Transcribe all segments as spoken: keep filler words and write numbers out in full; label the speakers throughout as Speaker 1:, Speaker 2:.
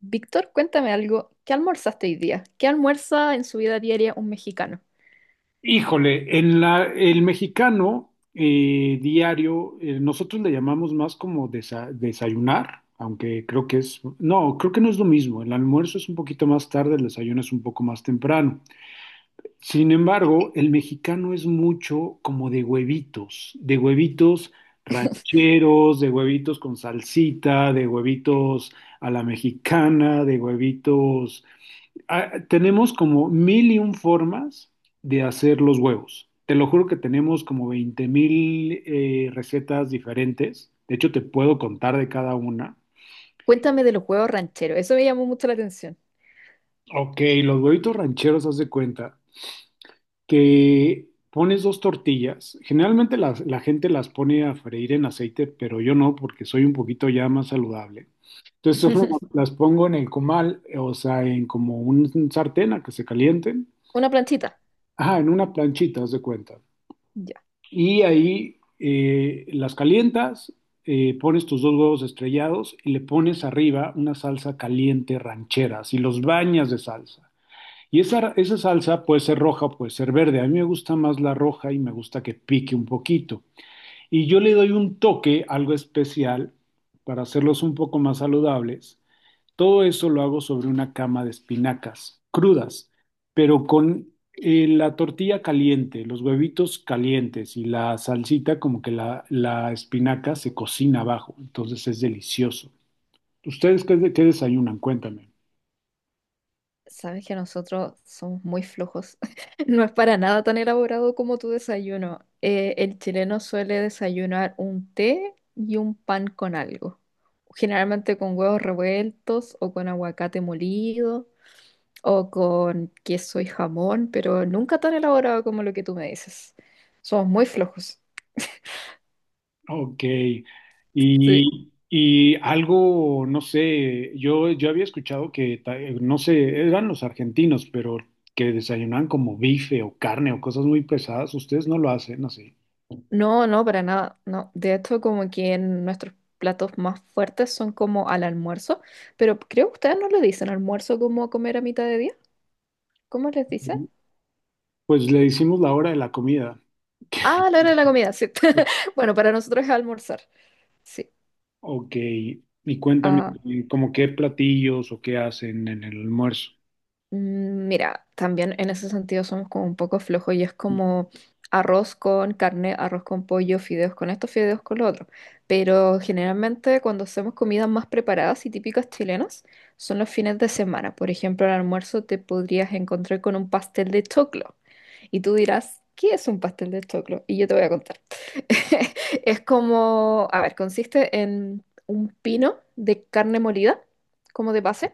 Speaker 1: Víctor, cuéntame algo. ¿Qué almorzaste hoy día? ¿Qué almuerza en su vida diaria un mexicano?
Speaker 2: Híjole, en la, el mexicano eh, diario, eh, nosotros le llamamos más como desa- desayunar, aunque creo que es, no, creo que no es lo mismo. El almuerzo es un poquito más tarde, el desayuno es un poco más temprano. Sin
Speaker 1: Eh,
Speaker 2: embargo, el mexicano es mucho como de huevitos, de huevitos rancheros, de huevitos con salsita, de huevitos a la mexicana, de huevitos... Ah, tenemos como mil y un formas de hacer los huevos. Te lo juro que tenemos como veinte mil eh, recetas diferentes. De hecho, te puedo contar de cada una.
Speaker 1: Cuéntame de los huevos rancheros. Eso me llamó mucho la atención.
Speaker 2: Ok, los huevitos rancheros, haz de cuenta, que pones dos tortillas. Generalmente las- la gente las pone a freír en aceite, pero yo no, porque soy un poquito ya más saludable. Entonces solo las pongo en el comal, o sea, en como un sartén a que se calienten.
Speaker 1: Una planchita.
Speaker 2: Ajá, en una planchita, haz de cuenta.
Speaker 1: Ya.
Speaker 2: Y ahí eh, las calientas, eh, pones tus dos huevos estrellados y le pones arriba una salsa caliente ranchera, y los bañas de salsa. Y esa, esa salsa puede ser roja o puede ser verde. A mí me gusta más la roja y me gusta que pique un poquito. Y yo le doy un toque, algo especial, para hacerlos un poco más saludables. Todo eso lo hago sobre una cama de espinacas crudas, pero con eh, la tortilla caliente, los huevitos calientes y la salsita, como que la, la espinaca se cocina abajo. Entonces es delicioso. ¿Ustedes qué, qué desayunan? Cuéntame.
Speaker 1: Sabes que nosotros somos muy flojos. No es para nada tan elaborado como tu desayuno. Eh, el chileno suele desayunar un té y un pan con algo. Generalmente con huevos revueltos o con aguacate molido, o con queso y jamón, pero nunca tan elaborado como lo que tú me dices. Somos muy flojos.
Speaker 2: Ok,
Speaker 1: Sí.
Speaker 2: y, y algo, no sé, yo, yo había escuchado que, ta- eh, no sé, eran los argentinos, pero que desayunaban como bife o carne o cosas muy pesadas, ustedes no lo hacen así.
Speaker 1: No, no, para nada. No. De hecho, como que en nuestros platos más fuertes son como al almuerzo, pero creo que ustedes no le dicen almuerzo como comer a mitad de día. ¿Cómo les dicen?
Speaker 2: Pues le hicimos la hora de la comida.
Speaker 1: Ah, a la hora de la comida, sí. Bueno, para nosotros es almorzar. Sí.
Speaker 2: Ok, y cuéntame,
Speaker 1: Ah,
Speaker 2: eh, ¿como qué platillos o qué hacen en el almuerzo?
Speaker 1: mm, mira, también en ese sentido somos como un poco flojos y es como arroz con carne, arroz con pollo, fideos con esto, fideos con lo otro. Pero generalmente cuando hacemos comidas más preparadas y típicas chilenas son los fines de semana. Por ejemplo, al almuerzo te podrías encontrar con un pastel de choclo y tú dirás, ¿qué es un pastel de choclo? Y yo te voy a contar. Es como, a ver, consiste en un pino de carne molida como de base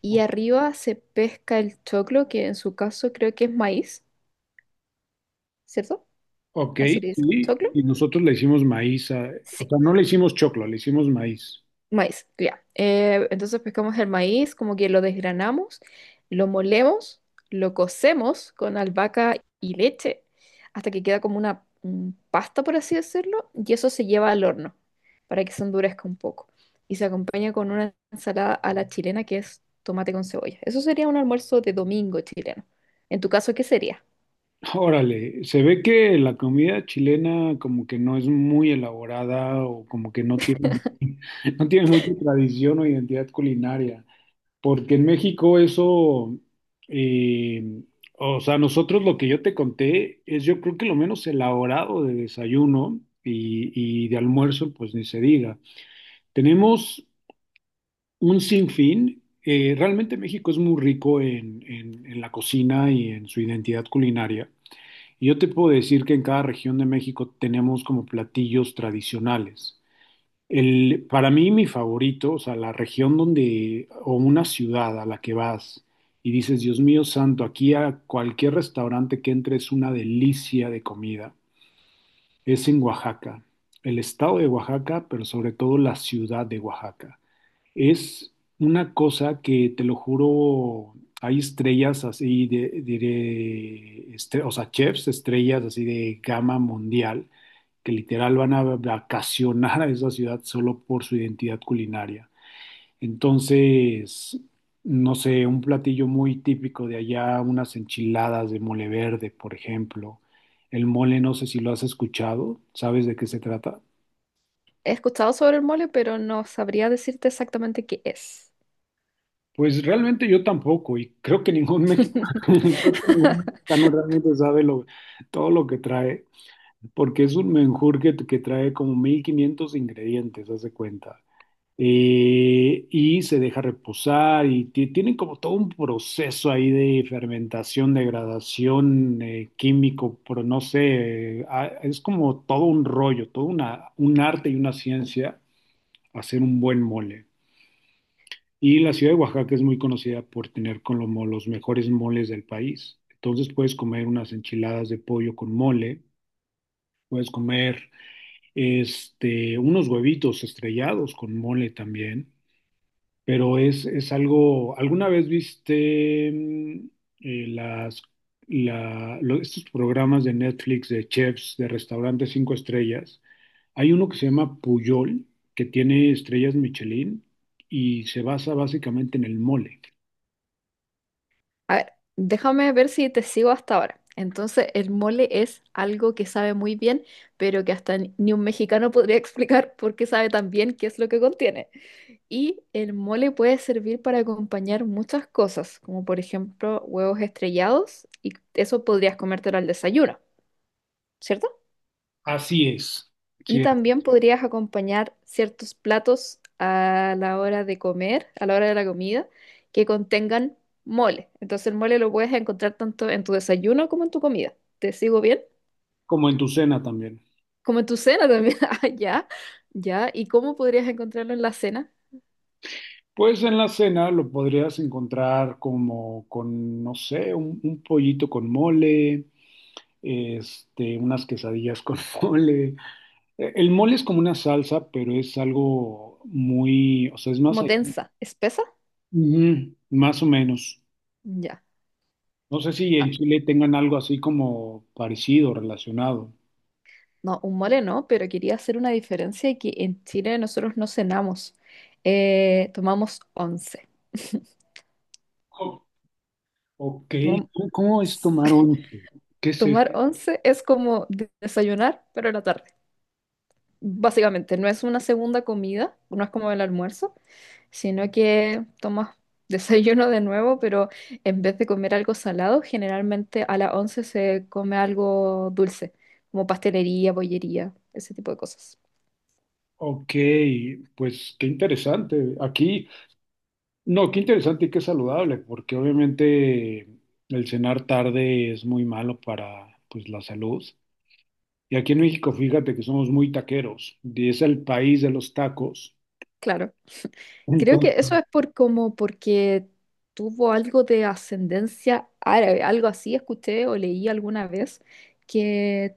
Speaker 1: y
Speaker 2: O-
Speaker 1: arriba se pesca el choclo, que en su caso creo que es maíz, ¿cierto?
Speaker 2: Ok,
Speaker 1: Así le dicen,
Speaker 2: sí,
Speaker 1: ¿choclo?
Speaker 2: y nosotros le hicimos maíz, a- o
Speaker 1: Sí,
Speaker 2: sea, no le hicimos choclo, le hicimos maíz.
Speaker 1: maíz, ya. Eh, entonces pescamos el maíz, como que lo desgranamos, lo molemos, lo cocemos con albahaca y leche hasta que queda como una mm, pasta, por así decirlo, y eso se lleva al horno para que se endurezca un poco. Y se acompaña con una ensalada a la chilena que es tomate con cebolla. Eso sería un almuerzo de domingo chileno. En tu caso, ¿qué sería?
Speaker 2: Órale, se ve que la comida chilena como que no es muy elaborada o como que no tiene, no tiene mucha tradición o identidad culinaria, porque en México eso, eh, o sea, nosotros lo que yo te conté es yo creo que lo menos elaborado de desayuno y, y de almuerzo, pues ni se diga. Tenemos un sinfín, eh, realmente México es muy rico en en- en la cocina y en su identidad culinaria. Y yo te puedo decir que en cada región de México tenemos como platillos tradicionales. El, para mí, mi favorito, o sea, la región donde, o una ciudad a la que vas y dices, Dios mío santo, aquí a cualquier restaurante que entre es una delicia de comida, es en Oaxaca, el estado de Oaxaca, pero sobre todo la ciudad de Oaxaca. Es una cosa que, te lo juro, hay estrellas así, de, diré, estre- o sea, chefs, estrellas así de gama mundial, que literal van a vacacionar a esa ciudad solo por su identidad culinaria. Entonces, no sé, un platillo muy típico de allá, unas enchiladas de mole verde, por ejemplo. El mole, no sé si lo has escuchado, ¿sabes de qué se trata?
Speaker 1: He escuchado sobre el mole, pero no sabría decirte exactamente qué es.
Speaker 2: Pues realmente yo tampoco, y creo que ningún mexicano, creo que ningún mexicano realmente sabe lo, todo lo que trae, porque es un menjurje que, que trae como mil quinientos ingredientes, haz de cuenta. Eh, y se deja reposar, y ti- tienen como todo un proceso ahí de fermentación, degradación, eh, químico, pero no sé, eh, ah, es como todo un rollo, todo una, un arte y una ciencia hacer un buen mole. Y la ciudad de Oaxaca es muy conocida por tener como los mejores moles del país. Entonces puedes comer unas enchiladas de pollo con mole, puedes comer este, unos huevitos estrellados con mole también, pero es, es algo, ¿alguna vez viste mm, eh, las, la- lo- estos programas de Netflix de chefs de restaurantes cinco estrellas? Hay uno que se llama Puyol, que tiene estrellas Michelin y se basa básicamente en el mole.
Speaker 1: A ver, déjame ver si te sigo hasta ahora. Entonces, el mole es algo que sabe muy bien, pero que hasta ni ni un mexicano podría explicar por qué sabe tan bien qué es lo que contiene. Y el mole puede servir para acompañar muchas cosas, como por ejemplo huevos estrellados, y eso podrías comértelo al desayuno, ¿cierto?
Speaker 2: Así es,
Speaker 1: Y
Speaker 2: sí,
Speaker 1: también podrías acompañar ciertos platos a la hora de comer, a la hora de la comida, que contengan mole. Entonces el mole lo puedes encontrar tanto en tu desayuno como en tu comida. ¿Te sigo bien?
Speaker 2: como en tu cena también.
Speaker 1: Como en tu cena también. Ah, ya, ya. ¿Y cómo podrías encontrarlo en la cena?
Speaker 2: Pues en la cena lo podrías encontrar como con, no sé, un, un pollito con mole, este, unas quesadillas con mole. Eh, El mole es como una salsa, pero es algo muy, o sea, es más
Speaker 1: Como
Speaker 2: allá.
Speaker 1: densa, espesa.
Speaker 2: Ujú, más o menos.
Speaker 1: Ya.
Speaker 2: No sé si
Speaker 1: Ah,
Speaker 2: en Chile tengan algo así como parecido, relacionado.
Speaker 1: no, un mole no, pero quería hacer una diferencia y que en Chile nosotros no cenamos. Eh, tomamos once.
Speaker 2: Oh, ok,
Speaker 1: Tomamos.
Speaker 2: ¿cómo cómo es tomar once? ¿Qué es eso?
Speaker 1: Tomar once es como de- desayunar, pero en la tarde. Básicamente, no es una segunda comida, no es como el almuerzo, sino que tomas desayuno de nuevo, pero en vez de comer algo salado, generalmente a las once se come algo dulce, como pastelería, bollería, ese tipo de cosas.
Speaker 2: Ok, pues qué interesante. Aquí, no, qué interesante y qué saludable, porque obviamente el cenar tarde es muy malo para pues la salud. Y aquí en México, fíjate que somos muy taqueros, y es el país de los tacos.
Speaker 1: Claro. Creo
Speaker 2: Entonces,
Speaker 1: que eso es por como porque tuvo algo de ascendencia árabe, algo así escuché o leí alguna vez que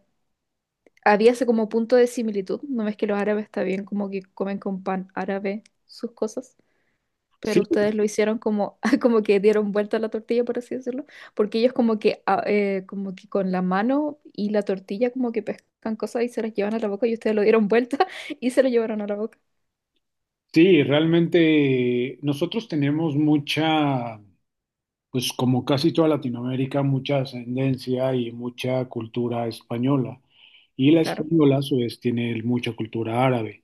Speaker 1: había ese como punto de similitud. No ves que los árabes está bien como que comen con pan árabe sus cosas, pero
Speaker 2: sí,
Speaker 1: ustedes lo hicieron como, como que dieron vuelta a la tortilla, por así decirlo, porque ellos como que, ah, eh, como que con la mano y la tortilla como que pescan cosas y se las llevan a la boca y ustedes lo dieron vuelta y se lo llevaron a la boca.
Speaker 2: sí, realmente nosotros tenemos mucha, pues como casi toda Latinoamérica, mucha ascendencia y mucha cultura española. Y la
Speaker 1: Claro,
Speaker 2: española, a su vez, tiene mucha cultura árabe.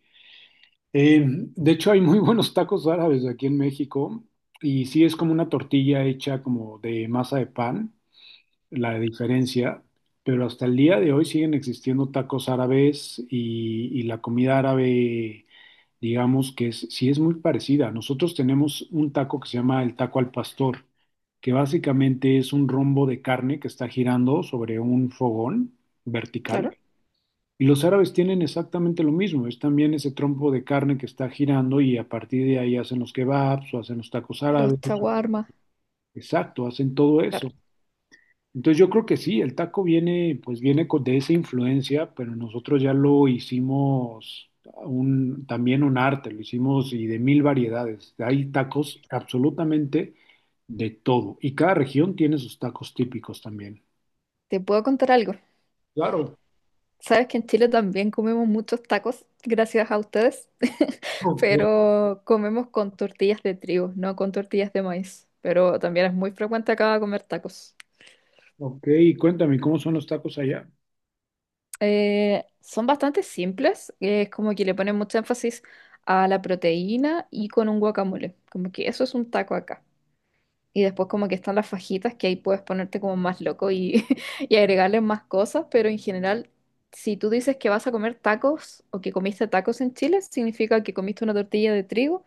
Speaker 2: Eh, de hecho, hay muy buenos tacos árabes aquí en México y sí es como una tortilla hecha como de masa de pan, la diferencia, pero hasta el día de hoy siguen existiendo tacos árabes y, y la comida árabe, digamos que es, sí es muy parecida. Nosotros tenemos un taco que se llama el taco al pastor, que básicamente es un rombo de carne que está girando sobre un fogón
Speaker 1: claro.
Speaker 2: vertical. Y los árabes tienen exactamente lo mismo, es también ese trompo de carne que está girando y a partir de ahí hacen los kebabs o hacen los tacos árabes,
Speaker 1: Los chaguarmas.
Speaker 2: exacto, hacen todo eso.
Speaker 1: Claro.
Speaker 2: Entonces yo creo que sí, el taco viene, pues viene con- de esa influencia, pero nosotros ya lo hicimos un, también un arte, lo hicimos y de mil variedades. Hay tacos absolutamente de todo y cada región tiene sus tacos típicos también.
Speaker 1: ¿Te puedo contar algo?
Speaker 2: Claro.
Speaker 1: Sabes que en Chile también comemos muchos tacos, gracias a ustedes,
Speaker 2: Ok,
Speaker 1: pero comemos con tortillas de trigo, no con tortillas de maíz. Pero también es muy frecuente acá comer tacos.
Speaker 2: ok, y cuéntame, ¿cómo son los tacos allá?
Speaker 1: Eh, son bastante simples, eh, es como que le ponen mucho énfasis a la proteína y con un guacamole. Como que eso es un taco acá. Y después como que están las fajitas que ahí puedes ponerte como más loco y, y agregarle más cosas, pero en general, si tú dices que vas a comer tacos o que comiste tacos en Chile, significa que comiste una tortilla de trigo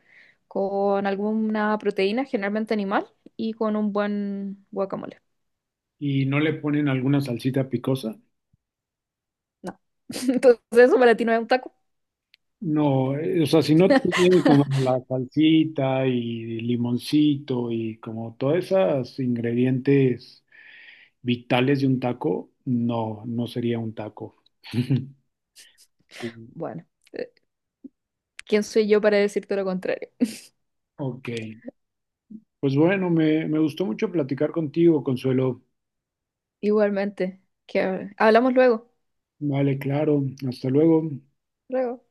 Speaker 1: con alguna proteína, generalmente animal, y con un buen guacamole.
Speaker 2: Y no le ponen alguna salsita picosa.
Speaker 1: No. Entonces eso para ti no es un taco.
Speaker 2: No, eh, o sea, si no tiene como la salsita y limoncito y como todos esos ingredientes vitales de un taco, no, no sería un taco. Sí,
Speaker 1: Bueno, eh, ¿quién soy yo para decirte lo contrario?
Speaker 2: ok, pues bueno, me, me gustó mucho platicar contigo, Consuelo.
Speaker 1: Igualmente, que hablamos luego.
Speaker 2: Vale, claro, hasta luego.
Speaker 1: Luego.